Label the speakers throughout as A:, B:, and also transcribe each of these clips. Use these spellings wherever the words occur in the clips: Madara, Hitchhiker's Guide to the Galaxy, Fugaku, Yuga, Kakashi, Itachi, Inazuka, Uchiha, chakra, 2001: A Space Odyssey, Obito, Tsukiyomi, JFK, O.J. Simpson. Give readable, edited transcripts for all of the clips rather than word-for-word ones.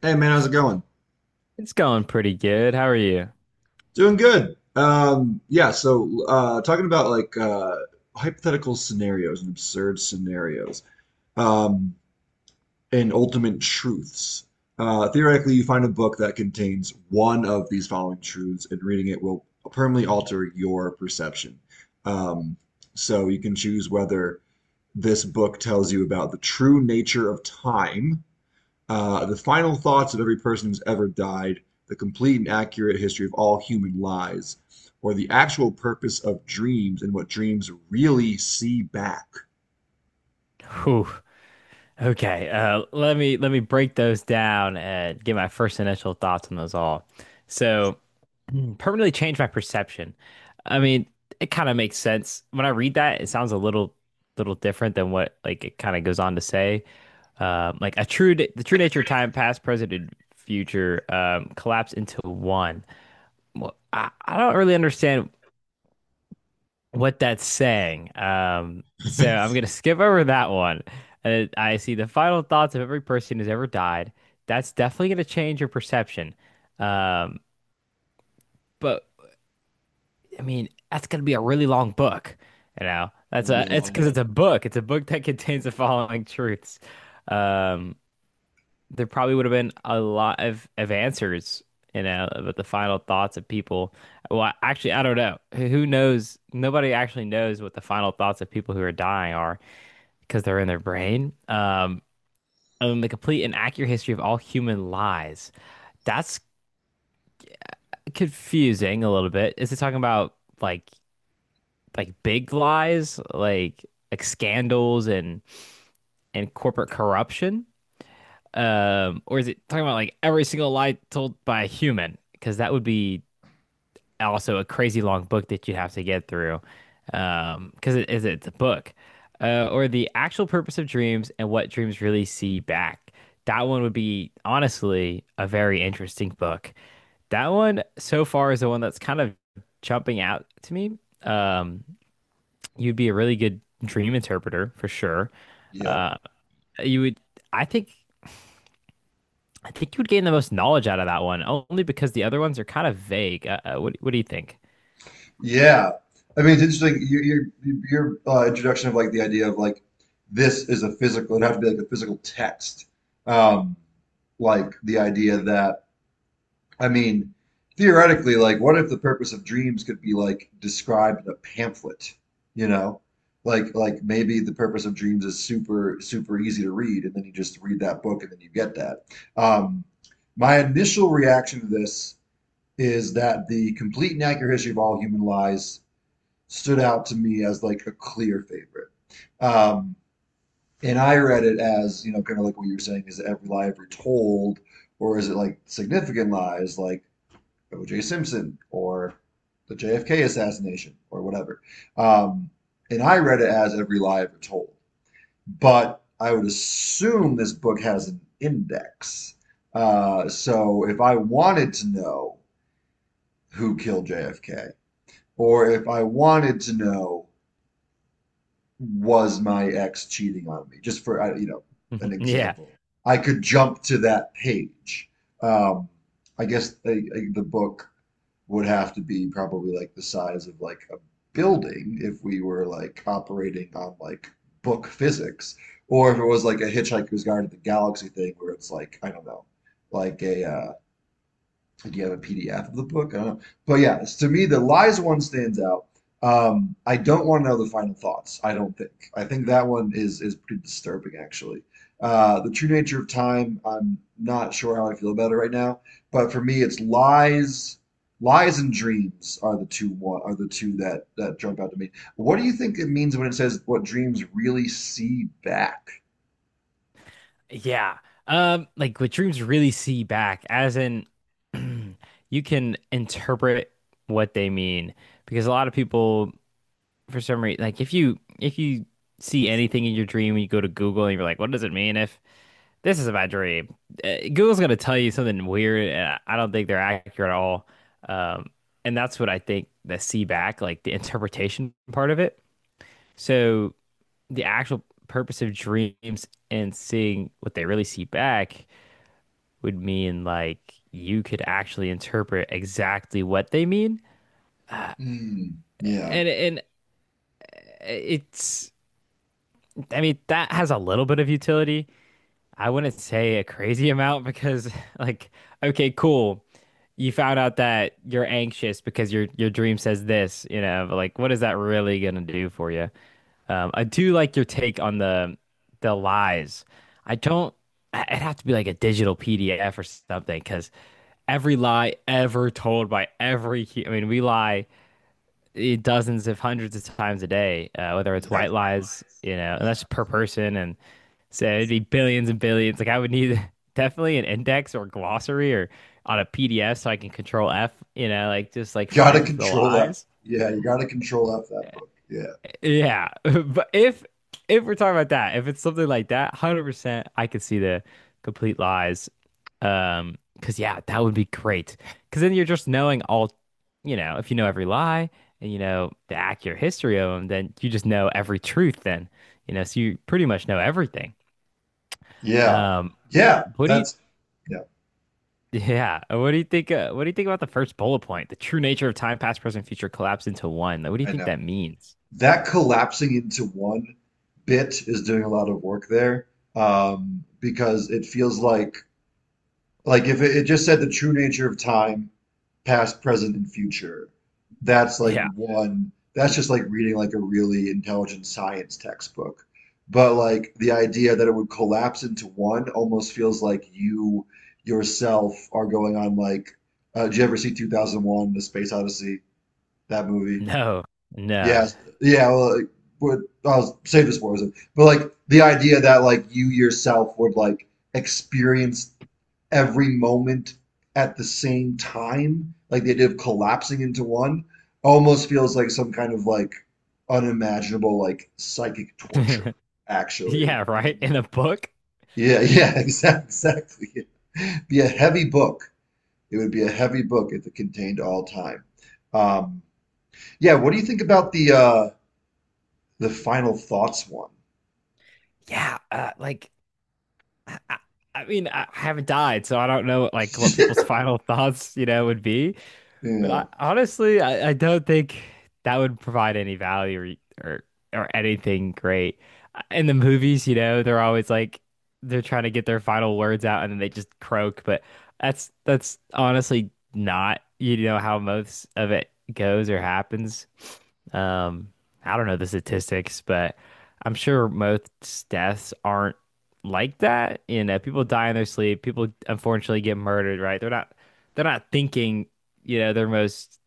A: Hey man, how's it going?
B: It's going pretty good. How are you?
A: Doing good. Yeah, so talking about like hypothetical scenarios and absurd scenarios, um, and ultimate truths. Theoretically, you find a book that contains one of these following truths, and reading it will permanently alter your perception. Um, so you can choose whether this book tells you about the true nature of time, the final thoughts of every person who's ever died, the complete and accurate history of all human lies, or the actual purpose of dreams and what dreams really see back. It's
B: Whew. Okay. Let me break those down and get my first initial thoughts on those all. So, permanently change my perception. I mean, it kind of makes sense when I read that. It sounds a little different than what like it kind of goes on to say. Like a true the true nature of time, past, present, and future collapse into one. Well, I don't really understand what that's saying. So I'm gonna skip over that one. And I see the final thoughts of every person who's ever died. That's definitely gonna change your perception. Um, but I mean, that's gonna be a really long book. You know, that's
A: gonna be
B: a
A: a
B: it's
A: long
B: because it's
A: book.
B: a book. It's a book that contains the following truths. Um, there probably would have been a lot of answers, you know, about the final thoughts of people. Well, actually, I don't know. Who knows? Nobody actually knows what the final thoughts of people who are dying are, because they're in their brain. And the complete and accurate history of all human lies. That's confusing a little bit. Is it talking about like like big lies, like scandals and corporate corruption? Or is it talking about like every single lie told by a human? Because that would be also a crazy long book that you have to get through because it's a book. Or the actual purpose of dreams and what dreams really see back. That one would be honestly a very interesting book. That one so far is the one that's kind of jumping out to me. um You'd be a really good dream interpreter for sure.
A: Yeah,
B: uh you would, I think I think you would gain the most knowledge out of that one only because the other ones are kind of vague. What do you think?
A: yeah. I mean, it's interesting. Your introduction of like the idea of like this is a physical. It'd have to be like a physical text. Like the idea that, I mean, theoretically, like, what if the purpose of dreams could be like described in a pamphlet, you know? Like, maybe the purpose of dreams is super, super easy to read, and then you just read that book and then you get that. Um, my initial reaction to this is that the complete and accurate history of all human lies stood out to me as like a clear favorite. Um, and I read it as, kind of like what you were saying, is every lie ever told, or is it like significant lies? Like, O.J. Simpson or the JFK assassination or whatever. Um, and I read it as every lie ever told. But I would assume this book has an index. So if I wanted to know who killed JFK, or if I wanted to know was my ex cheating on me, just for an
B: Yeah.
A: example, I could jump to that page. Um, I guess the book would have to be probably like the size of like a building if we were like operating on like book physics, or if it was like a Hitchhiker's Guide to the Galaxy thing where it's like, I don't know, like a do you have a PDF of the book? I don't know. But yeah, to me, the lies one stands out. I don't want to know the final thoughts. I don't think. I think that one is pretty disturbing, actually. The true nature of time. I'm not sure how I feel about it right now. But for me, it's lies. Lies and dreams are the two that jump out to me. What do you think it means when it says what dreams really see back?
B: Yeah. Like what dreams really see back, as in you can interpret what they mean. Because a lot of people, for some reason, like if you see anything in your dream and you go to Google and you're like, what does it mean if this is my dream? Google's gonna tell you something weird, and I don't think they're accurate at all. Um, and that's what I think the see back, like the interpretation part of it. So the actual purpose of dreams and seeing what they really see back would mean like you could actually interpret exactly what they mean.
A: Hmm. Yeah,
B: And it's, I mean, that has a little bit of utility. I wouldn't say a crazy amount because like, okay, cool. You found out that you're anxious because your dream says this, you know, but like what is that really gonna do for you? I do like your take on the lies. I don't. It would have to be like a digital PDF or something because every lie ever told by every, I mean, we lie, dozens if hundreds of times a day, whether it's
A: yeah,
B: white lies, you know, and that's
A: yeah.
B: per person, and so it'd be billions and billions. Like I would need definitely an index or glossary or on a PDF so I can control F, you know, like just like
A: Gotta
B: find the
A: control F.
B: lies.
A: Yeah, you gotta control F that book. Yeah.
B: Yeah, but if we're talking about that, if it's something like that, 100% I could see the complete lies. Because yeah, that would be great. Because then you're just knowing all, you know, if you know every lie and you know the accurate history of them, then you just know every truth then, you know, so you pretty much know everything.
A: Yeah.
B: Um,
A: Yeah.
B: what do you
A: That's yeah,
B: yeah, what do you think about the first bullet point? The true nature of time, past, present, future collapse into one. Like, what do you
A: I
B: think
A: know.
B: that means?
A: That collapsing into one bit is doing a lot of work there. Because it feels like if it just said the true nature of time, past, present, and future, that's like
B: Yeah.
A: one, that's just like reading like a really intelligent science textbook. But like the idea that it would collapse into one almost feels like you yourself are going on like, did you ever see 2001, The Space Odyssey, that movie?
B: No. No.
A: Yes. Yeah, well, like, but I'll save this for a second. But like the idea that like you yourself would like experience every moment at the same time, like the idea of collapsing into one, almost feels like some kind of like unimaginable like psychic torture. Actually,
B: Yeah, right. In a book.
A: yeah, yeah, exactly, exactly. It'd be a heavy book. It would be a heavy book if it contained all time. Um, yeah, what do you think about the final thoughts one?
B: Yeah, like, I, I I mean, I haven't died, so I don't know like what people's final thoughts, you know, would be. But
A: Yeah.
B: I honestly, I don't think that would provide any value, or, or or anything great. In the movies, you know, they're always like they're trying to get their final words out and then they just croak. But that's honestly not, you know, how most of it goes or happens. Um, I don't know the statistics, but I'm sure most deaths aren't like that. You know, people die in their sleep. People unfortunately get murdered, right? They're not thinking, you know, their most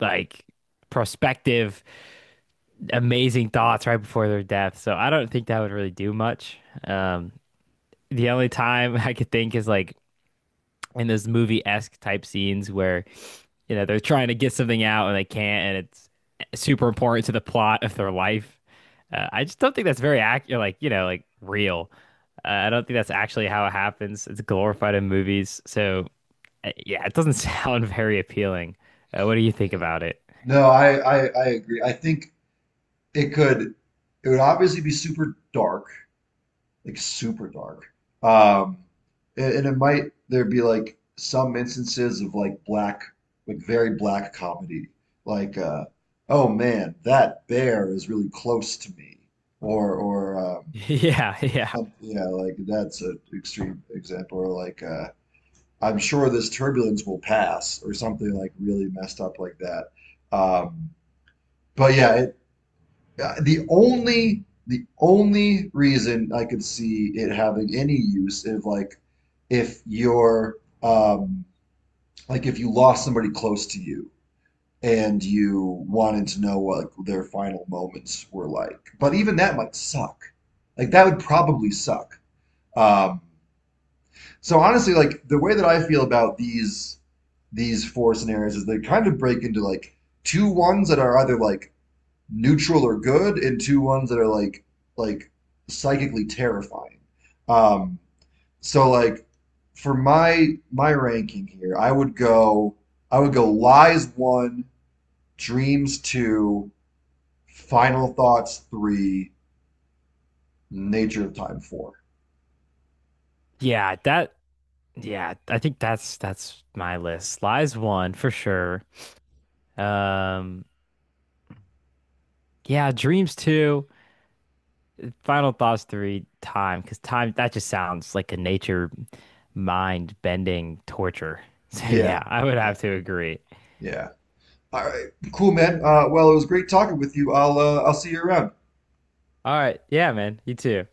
B: like prospective amazing thoughts right before their death. So I don't think that would really do much. Um, the only time I could think is like in those movie-esque type scenes where, you know, they're trying to get something out and they can't, and it's super important to the plot of their life. I just don't think that's very accurate, like, you know, like real. I don't think that's actually how it happens. It's glorified in movies. So, yeah, it doesn't sound very appealing. What do you think
A: Yeah.
B: about it?
A: No, I agree. I think it could it would obviously be super dark. Like super dark. Um, and it might there be like some instances of like black, like very black comedy, like oh man, that bear is really close to me, or
B: Yeah, yeah.
A: some, yeah, like that's an extreme example, or like I'm sure this turbulence will pass, or something like really messed up like that. Um, but yeah, the only reason I could see it having any use is like if you're, um, like if you lost somebody close to you and you wanted to know what their final moments were like. But even that might suck. Like that would probably suck. Um, so honestly, like the way that I feel about these four scenarios is they kind of break into like two ones that are either like neutral or good and two ones that are like psychically terrifying. Um, so like for my ranking here, I would go lies one, dreams two, final thoughts three, nature of time four.
B: Yeah, that, yeah, I think that's my list. Lies one for sure. Um, yeah, Dreams two, Final Thoughts three, Time, because time that just sounds like a nature mind bending torture. So
A: Yeah,
B: yeah, I would have
A: yeah,
B: to agree.
A: yeah. All right, cool, man. Well, it was great talking with you. I'll see you around.
B: All right, yeah, man, you too.